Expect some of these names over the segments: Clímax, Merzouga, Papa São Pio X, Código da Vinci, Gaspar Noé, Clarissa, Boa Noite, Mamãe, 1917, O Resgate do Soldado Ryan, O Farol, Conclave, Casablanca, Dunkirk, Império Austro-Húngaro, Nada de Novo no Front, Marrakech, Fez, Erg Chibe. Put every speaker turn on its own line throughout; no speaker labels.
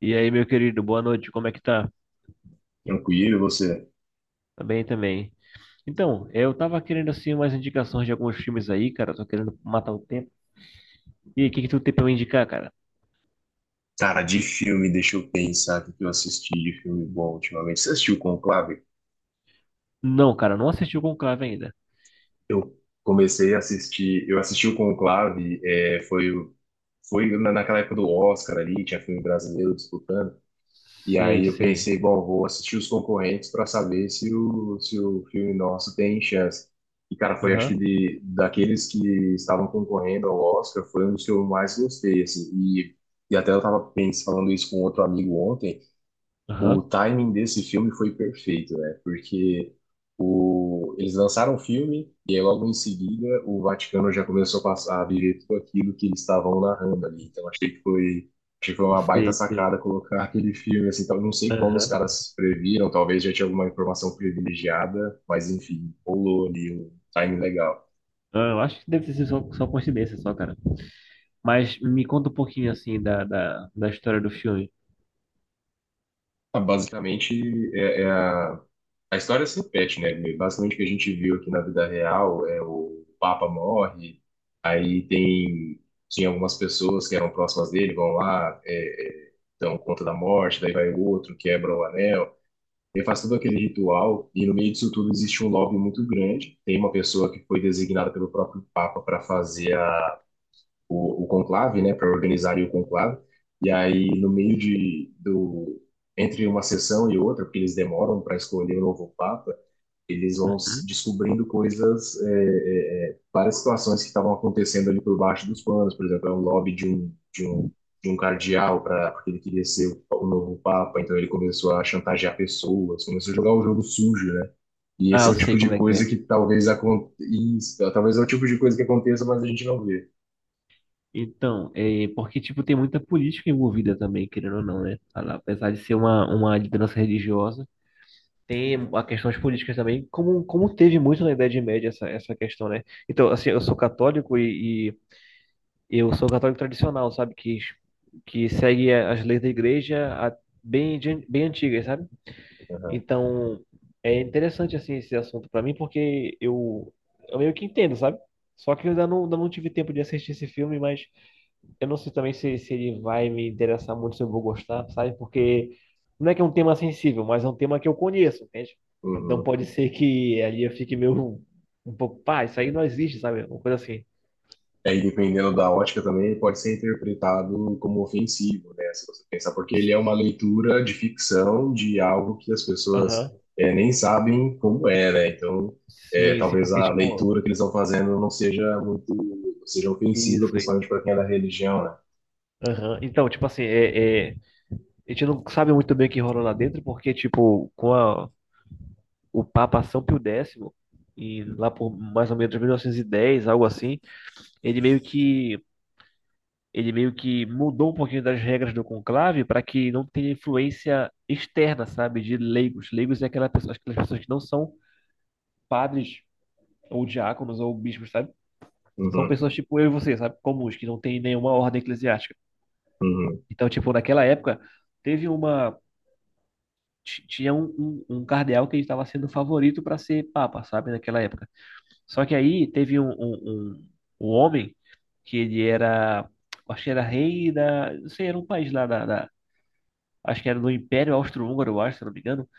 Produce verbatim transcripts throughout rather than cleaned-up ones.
E aí, meu querido, boa noite, como é que tá?
Tranquilo, você?
Tá bem também. Então, eu tava querendo assim umas indicações de alguns filmes aí, cara, tô querendo matar o tempo. E aí, o que que tu tem pra me indicar, cara?
Cara, de filme, deixa eu pensar o que eu assisti de filme bom ultimamente. Você assistiu Conclave?
Não, cara, não assisti o Conclave ainda.
Eu comecei a assistir, eu assisti o Conclave, é, foi, o- foi na- naquela época do Oscar ali, tinha filme brasileiro disputando, e
Sei,
aí eu
sei.
pensei, bom, vou assistir os concorrentes para saber se o, se o filme nosso tem chance. E, cara, foi acho que
Aham,
de, daqueles que estavam concorrendo ao Oscar, foi um dos que eu mais gostei, assim, e, e até eu tava pensando, falando isso com outro amigo ontem. O
aham.
timing desse filme foi perfeito, né? Porque o... eles lançaram o filme e aí logo em seguida o Vaticano já começou a passar a viver tudo aquilo que eles estavam narrando ali. Então achei que foi, achei que foi uma baita
Sei, sei.
sacada colocar aquele filme assim. Então, não sei como os
Aham.
caras previram, talvez já tinha alguma informação privilegiada, mas enfim, rolou ali um timing legal.
Ah, Eu acho que deve ter sido só, só coincidência só, cara. Mas me conta um pouquinho assim da, da, da história do filme.
Ah, basicamente, é, é a a história se repete, né? Basicamente o que a gente viu aqui na vida real é o Papa morre, aí tem tinha algumas pessoas que eram próximas dele, vão lá, é, é, dão conta da morte, daí vai o outro, quebra o anel, ele faz todo aquele ritual e no meio disso tudo existe um lobby muito grande. Tem uma pessoa que foi designada pelo próprio Papa para fazer a o, o conclave, né, para organizar o conclave. E aí, no meio de, do, entre uma sessão e outra, porque eles demoram para escolher o novo papa, eles vão s-
Uhum.
descobrindo coisas, é, é, é, várias situações que estavam acontecendo ali por baixo dos panos. Por exemplo, é um lobby de um, de um, de um cardeal, pra, porque ele queria ser o, o novo papa, então ele começou a chantagear pessoas, começou a jogar o jogo sujo, né? E
Ah,
esse é
eu
o
sei
tipo de
como é que
coisa
é.
que talvez aconteça, talvez é o tipo de coisa que aconteça, mas a gente não vê.
Então, é porque, tipo, tem muita política envolvida também, querendo ou não, né? Apesar de ser uma, uma liderança religiosa, tem a questões políticas também, como, como teve muito na Idade Média essa, essa questão, né? Então, assim, eu sou católico e, e eu sou católico tradicional, sabe? Que, que segue as leis da igreja a- bem, de- bem antigas, sabe?
Aham.
Então, é interessante, assim, esse assunto pra mim, porque eu, eu meio que entendo, sabe? Só que eu ainda não, ainda não tive tempo de assistir esse filme, mas eu não sei também se, se ele vai me interessar muito, se eu vou gostar, sabe? Porque não é que é um tema sensível, mas é um tema que eu conheço, entende? Então
Uhum.
pode ser que ali eu fique meio um pouco, pá, isso aí não existe, sabe? Uma coisa assim.
É. E aí, dependendo da ótica também, ele pode ser interpretado como ofensivo, né? Se você pensar, porque ele é uma leitura de ficção de algo que as pessoas
Aham.
eh, nem sabem como é, né? Então, eh,
Sim, sim,
talvez
porque,
a
tipo,
leitura que eles estão fazendo não seja muito, seja ofensiva,
isso aí.
principalmente para quem é da religião, né?
Aham. Então, tipo assim, é, é, a gente não sabe muito bem o que rolou lá dentro, porque, tipo, com a, o Papa São Pio X, e lá por mais ou menos mil novecentos e dez, algo assim, ele meio que Ele meio que mudou um pouquinho das regras do conclave para que não tenha influência externa, sabe, de leigos. Leigos é aquela pessoa, aquelas pessoas que não são padres ou diáconos ou bispos, sabe? São
Uhum,
pessoas tipo eu e você, sabe? Comuns, que não tem nenhuma ordem eclesiástica.
uhum.
Então, tipo, naquela época, teve uma. ti- tinha um, um, um cardeal que ele estava sendo favorito para ser papa, sabe, naquela época. Só que aí teve um, um, um, um homem que ele era. Acho que era rei da. Não sei, era um país lá da, da acho que era do Império Austro-Húngaro, eu acho, se não me engano.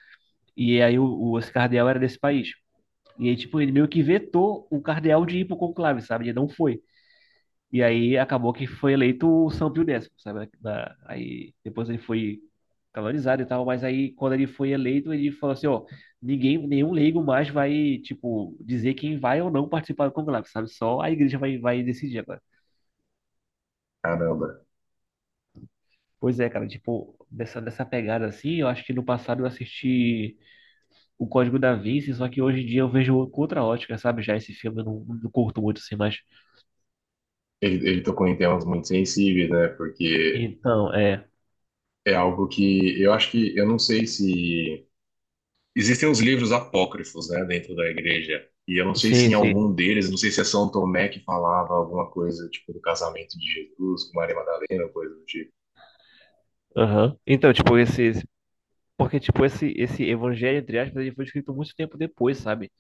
E aí o, o- esse cardeal era desse país. E aí, tipo, ele meio que vetou o cardeal de ir pro conclave, sabe? Ele não foi. E aí acabou que foi eleito o São Pio X, sabe? Da- aí depois ele foi canonizado e tal, mas aí quando ele foi eleito, ele falou assim, ó, ninguém, nenhum leigo mais vai, tipo, dizer quem vai ou não participar do conclave, sabe? Só a igreja vai, vai decidir agora.
Caramba.
Pois é, cara, tipo, dessa, dessa pegada assim, eu acho que no passado eu assisti o Código da Vinci, só que hoje em dia eu vejo com outra ótica, sabe? Já esse filme eu não, não curto muito assim, mas.
Ele, ele tocou em temas muito sensíveis, né? Porque
Então, é.
é algo que eu acho que, eu não sei se existem os livros apócrifos, né, dentro da igreja. E eu não sei se
Sim,
em
sim.
algum deles, não sei se é São Tomé que falava alguma coisa, tipo, do casamento de Jesus com Maria Madalena, coisa do tipo.
Aham. Então, tipo, esse. esse- porque, tipo, esse, esse evangelho, entre aspas, ele foi escrito muito tempo depois, sabe?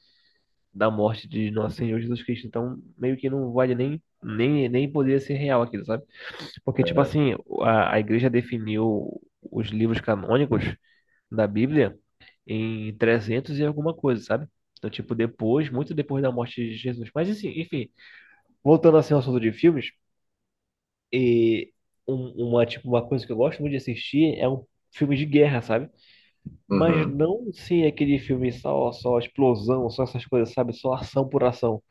Da morte de nosso Senhor Jesus Cristo. Então, meio que não vale nem, nem, nem poderia ser real aquilo, sabe? Porque, tipo assim, a, a igreja definiu os livros canônicos da Bíblia em trezentos e alguma coisa, sabe? Então, tipo, depois, muito depois da morte de Jesus. Mas, assim, enfim, Voltando assim ao assunto de filmes, e um- uma, tipo, uma coisa que eu gosto muito de assistir é um filme de guerra, sabe? Mas
Uhum,
não sim aquele filme só, só explosão, só essas coisas, sabe? Só ação por ação.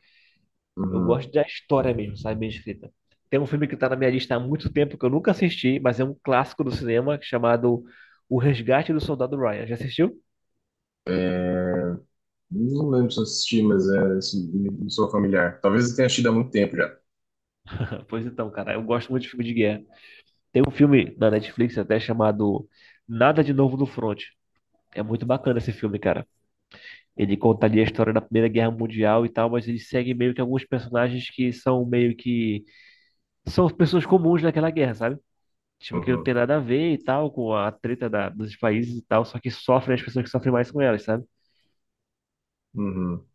Eu
uhum.
gosto da história mesmo, sabe? Bem escrita. Tem um filme que tá na minha lista há muito tempo que eu nunca assisti, mas é um clássico do cinema chamado O Resgate do Soldado Ryan. Já assistiu?
É. Não lembro se eu assisti, mas é, isso me- me sou familiar. Talvez eu tenha assistido há muito tempo já.
Pois então, cara, eu gosto muito de filme de guerra. Tem um filme na Netflix até chamado Nada de Novo no Front. É muito bacana esse filme, cara. Ele conta ali a história da Primeira Guerra Mundial e tal, mas ele segue meio que alguns personagens que são meio que. São pessoas comuns naquela guerra, sabe? Tipo, que não tem
Uhum,
nada a ver e tal, com a treta da- dos países e tal, só que sofrem as pessoas que sofrem mais com elas, sabe?
uhum.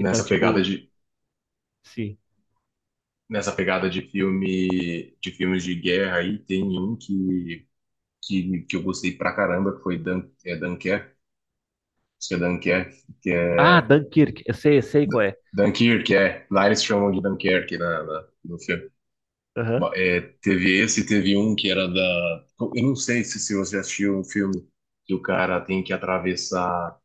Então,
pegada
tipo,
de,
sim.
nessa pegada de filme, de filmes de guerra aí, tem um que, que, que eu gostei pra caramba, que foi Dan, é Dunkerque, acho que é Dunkerque, que
Ah,
é
Dunkirk, eu sei, eu sei qual é.
Dunkirk, é. Lars chamam de Dunkirk na, na- no filme. Ba-
Aham.
É, teve esse, teve um que era da. Eu não sei se, se você assistiu um filme que o cara tem que atravessar.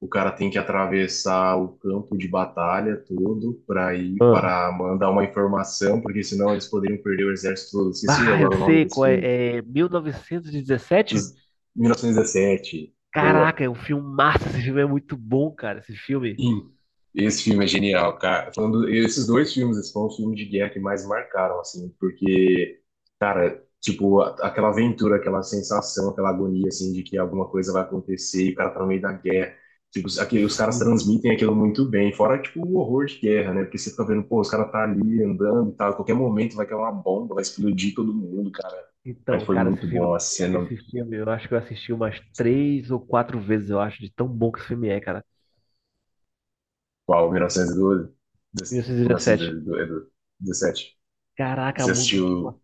O cara tem que atravessar o campo de batalha todo para ir
Ah.
para mandar uma informação, porque senão eles poderiam perder o exército todo. Esqueci
Ah, eu
agora o nome
sei
desse
qual
filme.
é. É mil novecentos e dezessete.
Esses- mil novecentos e dezessete. Boa.
Caraca, é um filme massa, esse filme é muito bom, cara, esse filme.
Sim. Esse filme é genial, cara. Falando, esses dois filmes, esses foram os filmes de guerra que mais marcaram, assim, porque, cara, tipo, a- aquela aventura, aquela sensação, aquela agonia, assim, de que alguma coisa vai acontecer e o cara tá no meio da guerra. Tipo, os- aquele, os caras transmitem aquilo muito bem, fora, tipo, o horror de guerra, né? Porque você fica vendo, pô, os caras tá ali andando e tal, qualquer momento vai cair uma bomba, vai explodir todo mundo, cara. Mas
Então,
foi
cara,
muito
esse
bom
filme,
a cena.
esse filme eu acho que eu assisti umas três ou quatro vezes, eu acho, de tão bom que esse filme é, cara.
Qual, mil novecentos e doze?
mil novecentos e dezessete.
Dezessete.
Caraca,
Você
muito,
assistiu.
tipo,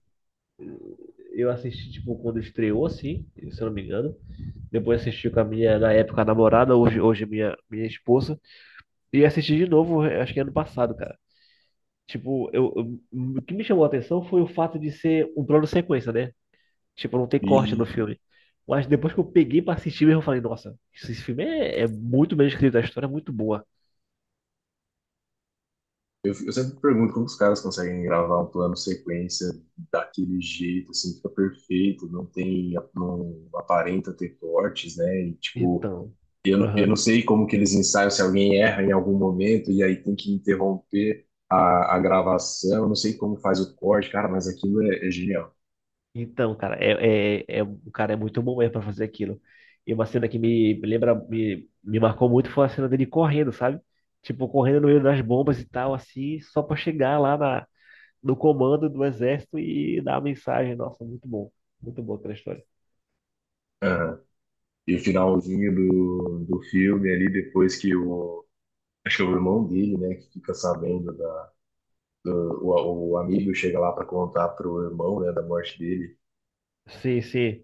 eu assisti, tipo, quando estreou, assim, se eu não me engano. Depois assisti com a minha, na época, a namorada, hoje, hoje minha, minha esposa. E assisti de novo, acho que ano passado, cara. Tipo, eu, eu- o que me chamou a atenção foi o fato de ser um plano sequência, né? Tipo, não tem corte
E
no filme. Mas depois que eu peguei pra assistir mesmo, eu falei, nossa, esse filme é, é muito bem escrito, a história é muito boa.
eu, eu sempre pergunto como os caras conseguem gravar um plano sequência daquele jeito, assim, fica perfeito, não tem, não aparenta ter cortes, né? E, tipo,
Então,
eu, eu não
aham.
sei como que eles ensaiam, se alguém erra em algum momento e aí tem que interromper a, a gravação, não sei como faz o corte, cara, mas aquilo é, é genial.
Então, cara, é, é, é- o cara é muito bom mesmo pra fazer aquilo. E uma cena que me lembra, me, me marcou muito foi a cena dele correndo, sabe? Tipo, correndo no meio das bombas e tal, assim, só pra chegar lá na, no comando do exército e dar a mensagem. Nossa, muito bom. Muito boa aquela história.
Aham. E o finalzinho do, do filme ali, depois que o, acho que é o irmão dele, né, que fica sabendo. O o amigo chega lá pra contar pro irmão, né, da morte dele.
Sim, sim.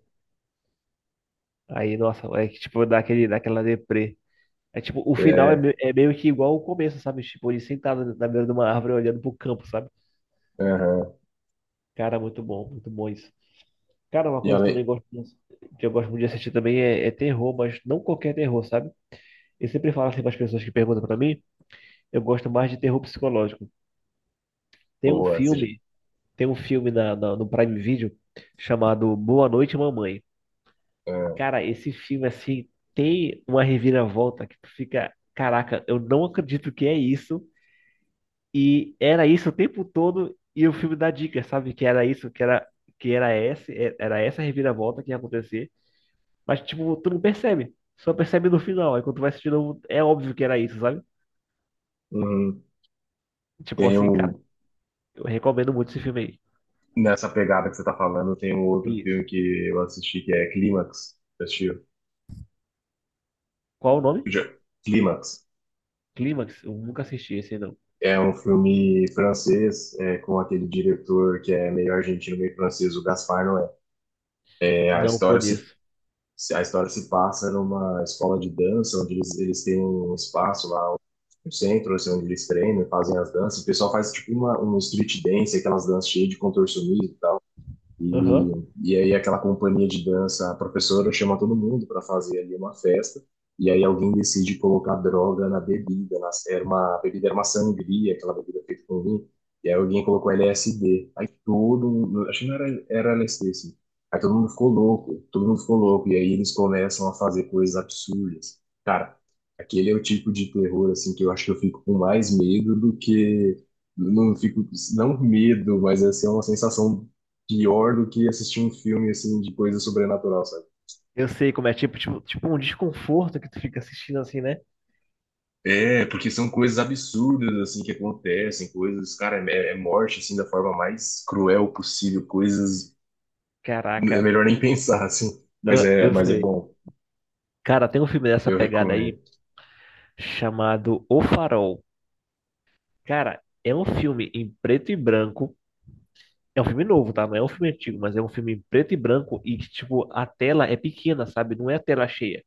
Aí, nossa, é que, tipo, dá aquele, dá aquela deprê. É tipo, o final é,
É.
me- é meio que igual o começo, sabe? Tipo, ele sentado na beira de uma árvore olhando pro campo, sabe?
Aham.
Cara, muito bom, muito bom isso. Cara, uma
E
coisa que eu também
além,
gosto muito- que eu gosto muito de assistir também é, é terror, mas não qualquer terror, sabe? Eu sempre falo assim para as pessoas que perguntam para mim, eu gosto mais de terror psicológico. Tem um
boa, assim,
filme tem um filme na, na- no Prime Video chamado Boa Noite, Mamãe.
é,
Cara, esse filme assim tem uma reviravolta que tu fica, caraca, eu não acredito que é isso e era isso o tempo todo e o filme dá dicas, sabe? Que era isso, que era que era esse, é, era essa reviravolta que ia acontecer. Mas, tipo, tu não percebe. Só percebe no final. Aí quando tu vai assistir de novo, é óbvio que era isso, sabe?
uhum.
Tipo
Tem
assim, cara,
um,
eu recomendo muito esse filme aí.
nessa pegada que você tá falando, tem um outro
Isso.
filme que eu assisti que é Clímax. Você assistiu?
Qual o nome?
Já- Clímax.
Clímax? Eu nunca assisti esse aí, não.
É um filme francês, é, com aquele diretor que é meio argentino, meio francês, o Gaspar Noé. É, É, a
Não
história se
conheço.
se- A história se passa numa escola de dança, onde eles, eles têm um espaço lá, um centro, assim, onde eles treinam, e fazem as danças. O pessoal faz tipo uma, um street dance, aquelas danças cheias de contorcionismo. E,
Aham.
e aí aquela companhia de dança, a professora chama todo mundo para fazer ali uma festa, e aí alguém decide colocar droga na bebida, na, era uma a bebida era uma sangria, aquela bebida feita com vinho, e aí alguém colocou L S D. Aí todo mundo, acho que não era, era L S D, assim. Aí todo mundo ficou louco, todo mundo ficou louco, e aí eles começam a fazer coisas absurdas. Cara, aquele é o tipo de terror, assim, que eu acho que eu fico com mais medo do que não fico, não medo, mas assim, é uma sensação pior do que assistir um filme assim de coisa sobrenatural, sabe?
Eu sei como é, tipo, tipo, tipo um desconforto que tu fica assistindo assim, né?
É, porque são coisas absurdas, assim, que acontecem, coisas, cara, é, é morte, assim, da forma mais cruel possível, coisas,
Caraca.
é melhor nem pensar, assim, mas
Ah,
é,
Eu
mas é
sei.
bom,
Cara, tem um filme dessa
eu
pegada aí
recomendo.
chamado O Farol. Cara, é um filme em preto e branco. É um filme novo, tá? Não é um filme antigo, mas é um filme em preto e branco e que, tipo, a tela é pequena, sabe? Não é a tela cheia.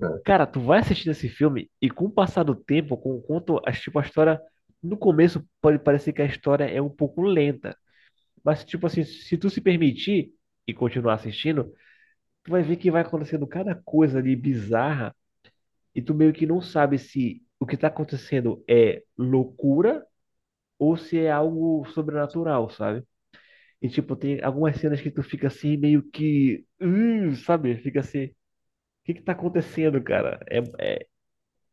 É.
Cara, tu vai assistindo esse filme e com o passar do tempo, com o quanto, as- tipo, a história. No começo pode parecer que a história é um pouco lenta, mas, tipo assim, se tu se permitir e continuar assistindo, tu vai ver que vai acontecendo cada coisa ali bizarra e tu meio que não sabe se o que tá acontecendo é loucura ou se é algo sobrenatural, sabe? E, tipo, tem algumas cenas que tu fica assim, meio que. "Hum", sabe? Fica assim. O que que tá acontecendo, cara? É,